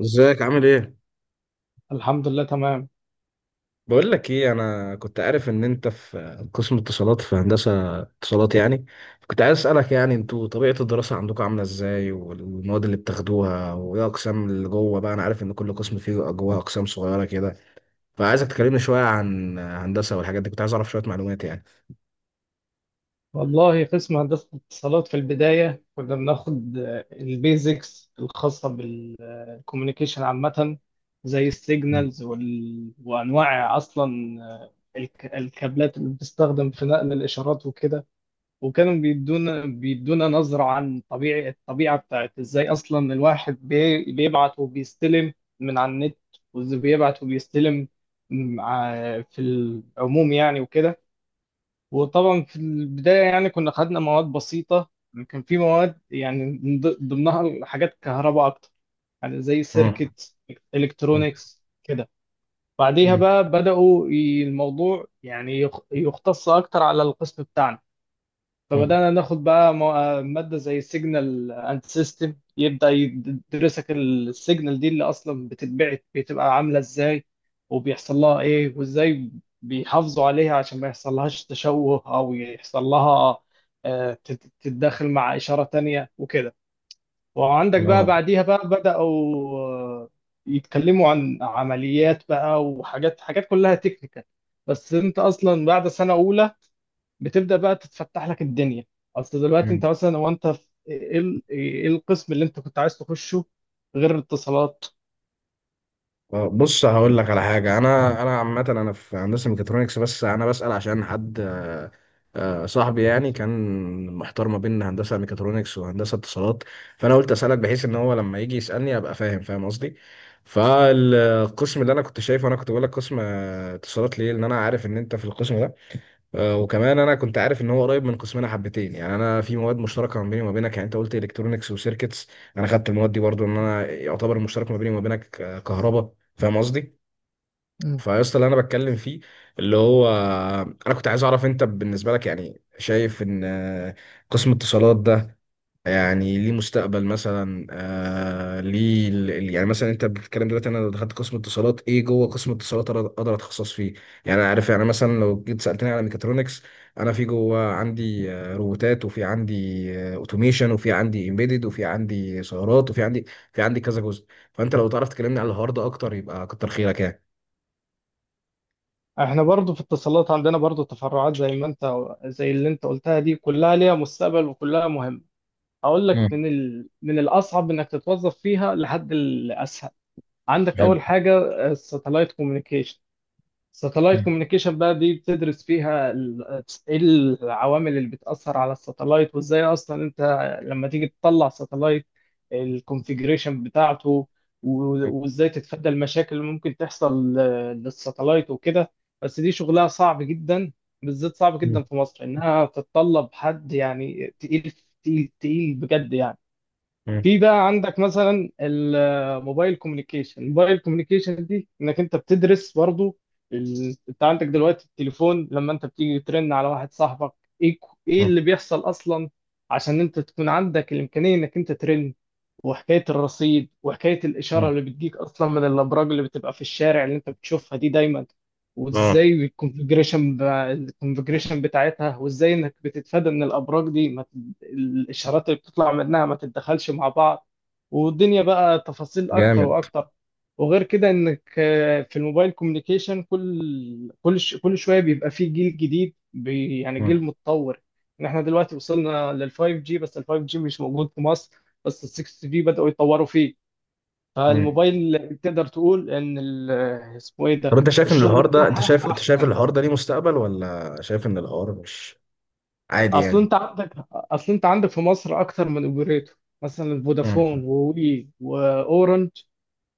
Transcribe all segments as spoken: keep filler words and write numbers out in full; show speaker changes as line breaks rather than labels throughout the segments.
ازيك عامل ايه؟
الحمد لله تمام.
بقول لك ايه، انا كنت عارف ان انت في قسم اتصالات، في هندسة اتصالات يعني. كنت عايز اسألك يعني انتوا طبيعة الدراسة عندكم عاملة ازاي، والمواد اللي بتاخدوها، وايه اقسام اللي جوه بقى. انا عارف ان كل قسم فيه جواه اقسام صغيرة كده، فعايزك تكلمني شوية عن هندسة والحاجات دي. كنت عايز اعرف شوية معلومات يعني.
والله قسم هندسة الاتصالات في البداية كنا بناخد البيزكس الخاصة بالكوميونيكيشن عامة، زي
مم.
السيجنالز وال... وأنواع، أصلا آه، الك... الكابلات اللي بتستخدم في نقل الإشارات وكده. وكانوا بيدونا بيدونا نظرة عن طبيعة الطبيعة بتاعت إزاي أصلا الواحد بي... بيبعت وبيستلم من على النت، وإزاي بيبعت وبيستلم مع- في العموم يعني وكده. وطبعا في البداية يعني كنا خدنا مواد بسيطة، كان في مواد يعني من ض- ضمنها حاجات كهرباء أكتر، يعني زي
مم.
سيركت، إلكترونيكس كده. بعديها
مم.
بقى بدأوا ي- الموضوع يعني يخ- يختص أكتر على القسم بتاعنا.
مم.
فبدأنا ناخد بقى مو- آه، مادة زي سيجنال اند سيستم، يبدأ يدرسك السيجنال دي اللي أصلا بتتبعت بتبقى عاملة إزاي، وبيحصل لها إيه، وإزاي بيحافظوا عليها عشان ما يحصلهاش تشوه أو يحصل لها آه، تت- تتداخل مع إشارة تانية وكده. وعندك بقى
اه.
بعديها بقى بدأوا آه، يتكلموا عن عمليات بقى وحاجات، حاجات كلها تكنيكال. بس أنت أصلا بعد سنة أولى بتبدا بقى تتفتح لك الدنيا. اصل دلوقتي انت مثلا، هو انت في ايه ال- إيه القسم اللي انت كنت عايز تخشه غير الاتصالات؟
آه، بص، هقول لك على حاجه. انا انا عامه انا في هندسه ميكاترونكس، بس انا بسال عشان حد، آه، آه، صاحبي يعني كان محتار ما بين هندسه ميكاترونكس وهندسه اتصالات. فانا قلت اسالك بحيث ان هو لما يجي يسالني ابقى فاهم، فاهم قصدي. فالقسم اللي انا كنت شايفه، انا كنت بقول لك قسم آه، اتصالات ليه، لان انا عارف ان انت في القسم ده. آه، وكمان انا كنت عارف ان هو قريب من قسمنا حبتين، يعني انا في مواد مشتركه ما بيني وما بينك. يعني انت قلت الكترونكس وسيركتس، انا خدت المواد دي برضو. ان انا يعتبر المشترك ما بيني وما بينك آه، كهرباء، فاهم قصدي؟
مم.
فيا اسطى، اللي انا بتكلم فيه اللي هو، آه، انا كنت عايز اعرف انت بالنسبه لك يعني شايف ان، آه، قسم اتصالات ده يعني ليه مستقبل مثلا؟ آه ليه ال- ال- يعني مثلا انت بتتكلم دلوقتي، انا لو دخلت قسم اتصالات، ايه جوه قسم اتصالات أقدر أقدر اتخصص فيه؟ يعني انا عارف، يعني مثلا لو جيت سالتني على ميكاترونكس، انا في جوه عندي آه، روبوتات، وفي عندي اوتوميشن، وفي عندي امبيدد، وفي عندي سيارات، وفي عندي في عندي كذا جزء. فانت لو تعرف تكلمني على الحوار ده اكتر يبقى كتر خيرك يعني.
احنا برضو في الاتصالات عندنا برضو تفرعات زي ما انت، زي اللي انت قلتها، دي كلها ليها مستقبل وكلها مهمة. اقول لك
مم.
من ال... من الاصعب انك تتوظف فيها لحد الاسهل. عندك
حلو.
اول حاجة الساتلايت كوميونيكيشن. ساتلايت
مم.
كوميونيكيشن بقى دي بتدرس فيها ال- ايه العوامل اللي بتأثر على الساتلايت، وازاي اصلا انت لما تيجي تطلع ساتلايت، الكونفيجريشن بتاعته، و- وازاي تتفادى المشاكل اللي ممكن تحصل ل- للساتلايت وكده. بس دي شغلها صعب جدا، بالذات صعب
مم.
جدا في مصر، انها تتطلب حد يعني تقيل. تقيل تقيل بجد يعني.
مم.
في بقى عندك مثلا الموبايل كوميونيكيشن. الموبايل كوميونيكيشن دي انك انت بتدرس برضو ال... انت عندك دلوقتي التليفون لما انت بتيجي ترن على واحد صاحبك، ايه ك- ايه
مم.
اللي بيحصل اصلا عشان انت تكون عندك الامكانيه انك انت ترن، وحكاية الرصيد، وحكاية الإشارة
مم.
اللي بتجيك أصلا من الأبراج اللي بتبقى في الشارع اللي أنت بتشوفها دي دايما،
اه.
وإزاي الكونفجريشن ب... الكونفجريشن بتاعتها، وإزاي إنك بتتفادى إن الأبراج دي ما ت... الإشارات اللي بتطلع منها ما تتدخلش مع بعض. والدنيا بقى تفاصيل أكتر
جامد.
وأكتر. وغير كده إنك آه، في الموبايل كوميونيكيشن كل كل ش... كل شوية بيبقى فيه جيل جديد بي... يعني جيل متطور. إن إحنا دلوقتي وصلنا لل فايف جي، بس ال فايف جي مش موجود في مصر، بس ال ستة جي بدأوا يطوروا فيه.
مم.
فالموبايل تقدر تقول ان ال- اسمه ايه
طب
ده،
انت شايف ان
الشغل
الحوار ده، انت
بتاعها
شايف انت شايف
احسن.
الحوار ده ليه مستقبل؟ ولا شايف ان الحوار مش عادي
اصل
يعني؟
انت عندك، اصل انت عندك في مصر اكتر من اوبريتور مثلا
مم.
فودافون ووي واورنج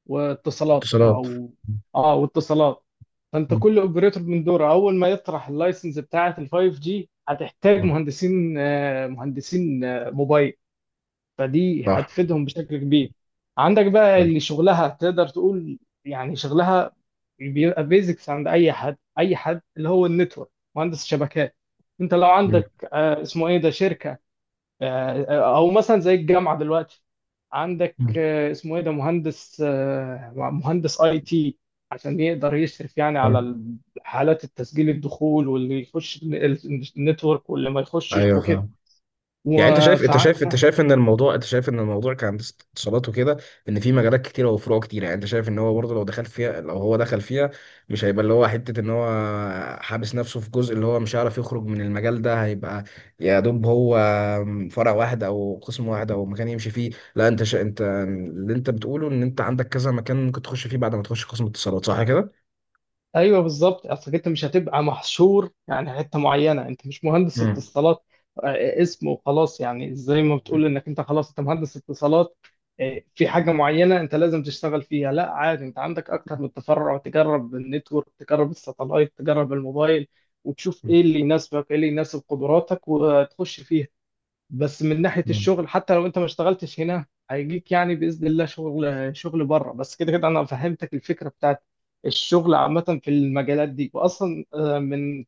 واتصالات،
اتصالات.
او اه واتصالات. فانت
مم.
كل اوبريتور من دوره اول ما يطرح اللايسنس بتاعه ال خمسة جي، هتحتاج
مم.
مهندسين آه، مهندسين آه، موبايل، فدي
صح.
هتفيدهم بشكل كبير. عندك بقى
صح.
اللي شغلها تقدر تقول يعني شغلها بيبقى بيزكس عند اي حد، اي حد اللي هو النتورك، مهندس الشبكات. انت لو
مم.
عندك آه، اسمه ايه ده شركه، آه، آه، او مثلا زي الجامعه دلوقتي، عندك
مم.
آه، اسمه ايه ده مهندس، آه، مهندس اي تي عشان يقدر يشرف يعني
صح.
على حالات التسجيل الدخول، واللي يخش النتورك واللي ما يخشش
ايوه
وكده.
فاهم. يعني انت شايف
وف...
انت شايف انت شايف ان الموضوع، انت شايف ان الموضوع كهندسه اتصالات وكده، ان في مجالات كتيره وفروع كتيره، يعني انت شايف ان هو برضه لو دخل فيها، لو هو دخل فيها مش هيبقى اللي هو حته ان هو حابس نفسه في جزء، اللي هو مش هيعرف يخرج من المجال ده، هيبقى يا دوب هو فرع واحد او قسم واحد او مكان يمشي فيه؟ لا، انت شا... انت اللي انت بتقوله ان انت عندك كذا مكان ممكن تخش فيه بعد ما تخش قسم اتصالات، صح كده؟
ايوه بالظبط. اصلك انت مش هتبقى محشور يعني حته معينه، انت مش مهندس
مم.
اتصالات آه، اسم وخلاص، يعني زي ما بتقول انك انت خلاص انت مهندس اتصالات آه، في حاجه معينه انت لازم تشتغل فيها. لا عادي، انت عندك اكتر من تفرع، تجرب النتورك، تجرب الساتلايت، تجرب الموبايل، وتشوف ايه اللي يناسبك، ايه اللي يناسب قدراتك، وتخش فيها. بس من ناحية
مم.
الشغل، حتى لو انت ما اشتغلتش هنا، هيجيك يعني بإذن الله شغل، شغل بره. بس كده كده انا فهمتك الفكرة بتاعت الشغل عامة في المجالات دي. واصلا آه، من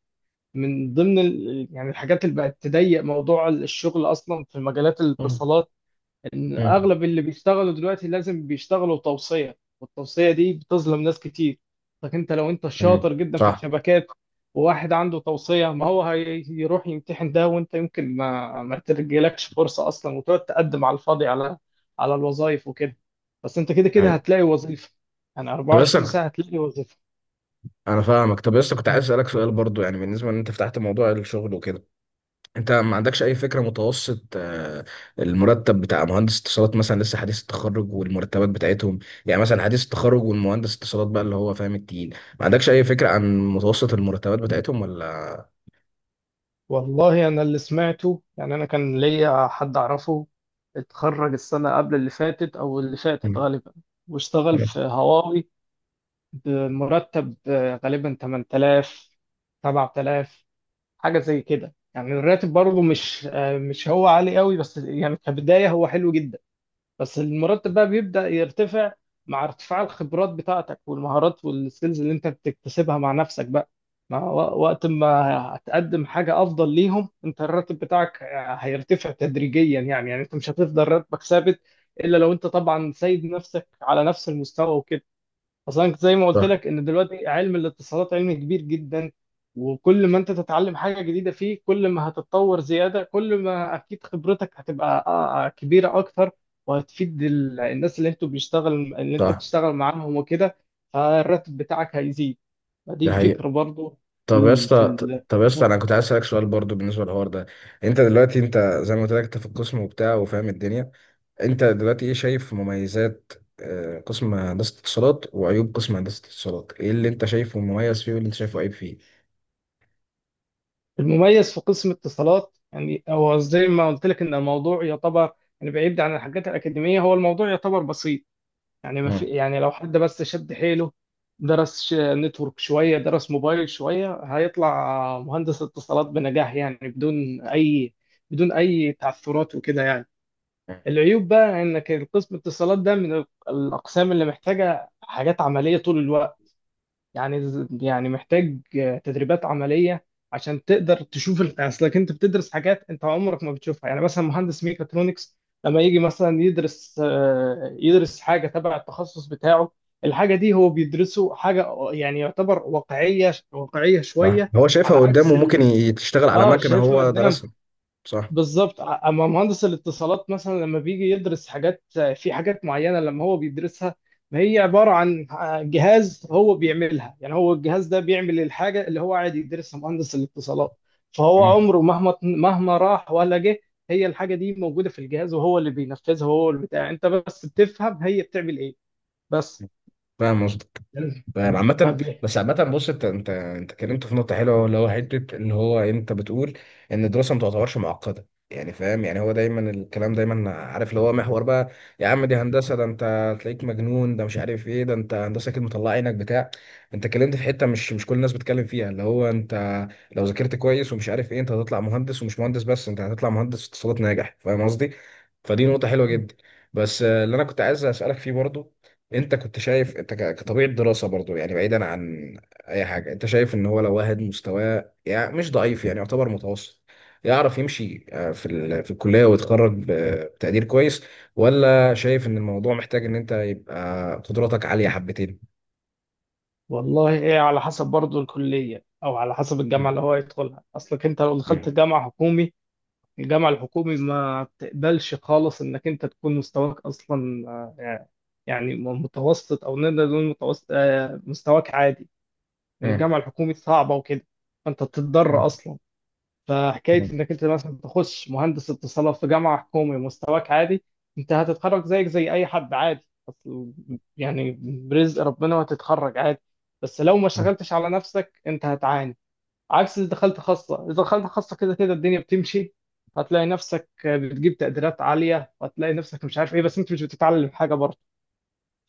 من ضمن ال- يعني الحاجات اللي بقت تضيق موضوع الشغل اصلا في مجالات الاتصالات، ان
مم.
اغلب اللي بيشتغلوا دلوقتي لازم بيشتغلوا توصية، والتوصية دي بتظلم ناس كتير. لكن انت لو انت
مم.
شاطر جدا في
صح.
الشبكات، وواحد عنده توصية، ما هو هي- هيروح يمتحن ده، وانت يمكن ما ما ترجلكش فرصة اصلا، وتقعد تقدم على الفاضي على على الوظائف وكده. بس انت كده كده
أيوة.
هتلاقي وظيفة، يعني
طب بس،
أربعة وعشرين ساعة هتلاقي وظيفة.
انا فاهمك. طب بس كنت عايز اسالك سؤال برضو، يعني بالنسبه ان انت فتحت موضوع الشغل وكده، انت ما عندكش اي فكره متوسط، آه، المرتب بتاع مهندس اتصالات مثلا لسه حديث التخرج والمرتبات بتاعتهم؟ يعني مثلا حديث التخرج، والمهندس اتصالات بقى اللي هو فاهم التقيل. ما عندكش اي فكره عن متوسط المرتبات بتاعتهم ولا؟
والله أنا اللي سمعته، يعني أنا كان ليا حد أعرفه اتخرج السنة قبل اللي فاتت أو اللي فاتت
مم.
غالبا، واشتغل في هواوي بمرتب آه، غالبا تمن تلاف، سبع تلاف، حاجة زي كده. يعني الراتب برضه مش آه، مش هو عالي قوي، بس يعني كبداية هو حلو جدا. بس المرتب بقى بيبدأ يرتفع مع ارتفاع الخبرات بتاعتك والمهارات والسكيلز اللي انت بتكتسبها مع نفسك بقى، مع و- وقت ما هتقدم حاجة أفضل ليهم، انت الراتب بتاعك هيرتفع تدريجيا، يعني يعني انت مش هتفضل راتبك ثابت، إلا لو انت طبعا سايب نفسك على نفس المستوى وكده. اصلا كنت زي ما قلت
صح.
لك، ان دلوقتي علم الاتصالات علم كبير جدا، وكل ما انت تتعلم حاجه جديده فيه، كل ما هتتطور زياده، كل ما اكيد خبرتك هتبقى آه، آه، كبيره اكتر، وهتفيد ال- الناس اللي انتوا بيشتغل، اللي انت
صح.
بتشتغل معاهم وكده. فالراتب بتاعك هيزيد، فدي
ده حقيقي.
الفكره برضو.
طب يا
ال- في
اسطى،
ال-
طب يا اسطى انا كنت عايز اسالك سؤال برضو بالنسبه للحوار ده. انت دلوقتي، انت زي ما قلت لك انت في القسم وبتاع وفاهم الدنيا، انت دلوقتي ايه شايف مميزات آه، قسم هندسة اتصالات وعيوب قسم هندسة اتصالات؟ ايه اللي انت شايفه مميز فيه واللي انت شايفه عيب فيه؟
المميز في قسم اتصالات يعني، هو زي ما قلت لك ان الموضوع يعتبر يعني بعيد عن الحاجات الاكاديميه، هو الموضوع يعتبر بسيط يعني، ما في
مم.
يعني لو حد بس شد حيله، درس ش- نتورك شوية، درس موبايل شوية، هيطلع مهندس اتصالات بنجاح يعني، بدون أي بدون أي تعثرات وكده يعني. العيوب بقى إنك قسم الاتصالات ده من الأقسام اللي محتاجة حاجات عملية طول الوقت، يعني ز- يعني محتاج آه، تدريبات عملية عشان تقدر تشوف ال- اصلك انت بتدرس حاجات انت عمرك ما بتشوفها. يعني مثلا مهندس ميكاترونكس لما يجي مثلا يدرس آه، يدرس حاجة تبع التخصص بتاعه، الحاجة دي هو بيدرسه حاجة، يعني يعتبر واقعية، واقعية
صح،
شوية،
هو شايفها
على
قدامه،
عكس
ممكن
ال...
ي- تشتغل على
اه،
مكنة
شايفها
هو
قدامه.
درسها. صح.
بالظبط ع- اما مهندس الاتصالات مثلا لما بيجي يدرس حاجات، في حاجات معينه لما هو بيدرسها، ما هي عباره عن آه، جهاز هو بيعملها، يعني هو الجهاز ده بيعمل الحاجه اللي هو قاعد يدرسها مهندس الاتصالات. فهو
مم.
عمره مهما مهما راح ولا جه، هي الحاجه دي موجوده في الجهاز، وهو اللي بينفذها، وهو اللي بتاع، انت بس بتفهم هي بتعمل ايه بس.
فاهم قصدك. فاهم عامة.
فبي
بس عامة بص، انت انت انت اتكلمت في نقطة حلوة، اللي هو حتة ان هو انت بتقول ان الدراسة ما تعتبرش معقدة، يعني فاهم. يعني هو دايما الكلام دايما عارف اللي هو محور بقى، يا عم دي هندسة، ده انت تلاقيك مجنون، ده مش عارف ايه، ده انت هندسة كده مطلع عينك بتاع. انت اتكلمت في حتة مش مش كل الناس بتتكلم فيها، اللي هو انت لو ذاكرت كويس ومش عارف ايه، انت هتطلع مهندس، ومش مهندس بس، انت هتطلع مهندس اتصالات ناجح، فاهم قصدي؟ فدي نقطة حلوة جدا. بس آه، اللي انا كنت عايز اسألك فيه برضو، انت كنت شايف انت ك- كطبيعة دراسة برضو، يعني بعيدا عن اي حاجة، انت شايف ان هو لو واحد مستواه يعني مش ضعيف، يعني يعتبر متوسط، يعرف يمشي آه، في ال- في الكلية، ويتخرج ب- بتقدير كويس؟ ولا شايف ان الموضوع محتاج ان انت يبقى قدراتك عالية حبتين؟
والله ايه، على حسب برضه الكليه، او على حسب الجامعه
مم.
اللي هو يدخلها. اصلك انت لو دخلت
مم.
جامعه حكومي، الجامعة الحكومي ما بتقبلش خالص انك انت تكون مستواك اصلا آه، يعني متوسط، او نقدر نقول متوسط آه، مستواك عادي، ان
مم.
الجامعة الحكومي صعبة وكده. فانت بتضطر اصلا، فحكاية
مم.
انك انت مثلا تخش مهندس اتصالات في جامعة حكومي مستواك عادي، انت هتتخرج زيك زي اي حد عادي، أصل يعني برزق ربنا، وهتتخرج عادي، بس لو ما
مم.
شغلتش على نفسك انت هتعاني. عكس اللي دخلت خاصة، إذا دخلت خاصة كده كده الدنيا بتمشي، هتلاقي نفسك بتجيب تقديرات عالية، وهتلاقي نفسك مش عارف إيه، بس أنت مش بتتعلم حاجة برضه.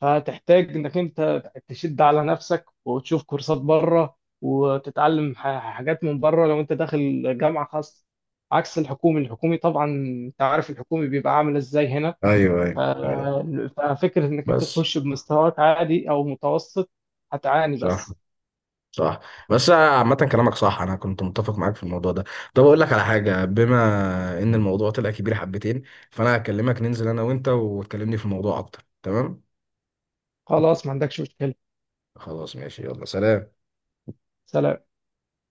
فهتحتاج إنك أنت تشد على نفسك وتشوف كورسات بره، وتتعلم ح- حاجات من بره، لو أنت داخل جامعة خاصة، عكس الحكومي. الحكومي طبعا أنت عارف الحكومي بيبقى عامل إزاي هنا.
ايوه،
ف-
ايوه، ايوه.
ففكرة إنك أنت
بس
تخش بمستواك عادي أو متوسط، هتعاني
صح.
بس.
صح. بس عامة كلامك صح، أنا كنت متفق معاك في الموضوع ده. طب أقول لك على حاجة، بما إن الموضوع طلع كبير حبتين، فأنا هكلمك ننزل أنا وأنت وتكلمني في الموضوع أكتر، تمام؟
خلاص ما عندكش مشكلة.
خلاص ماشي، يلا سلام.
سلام.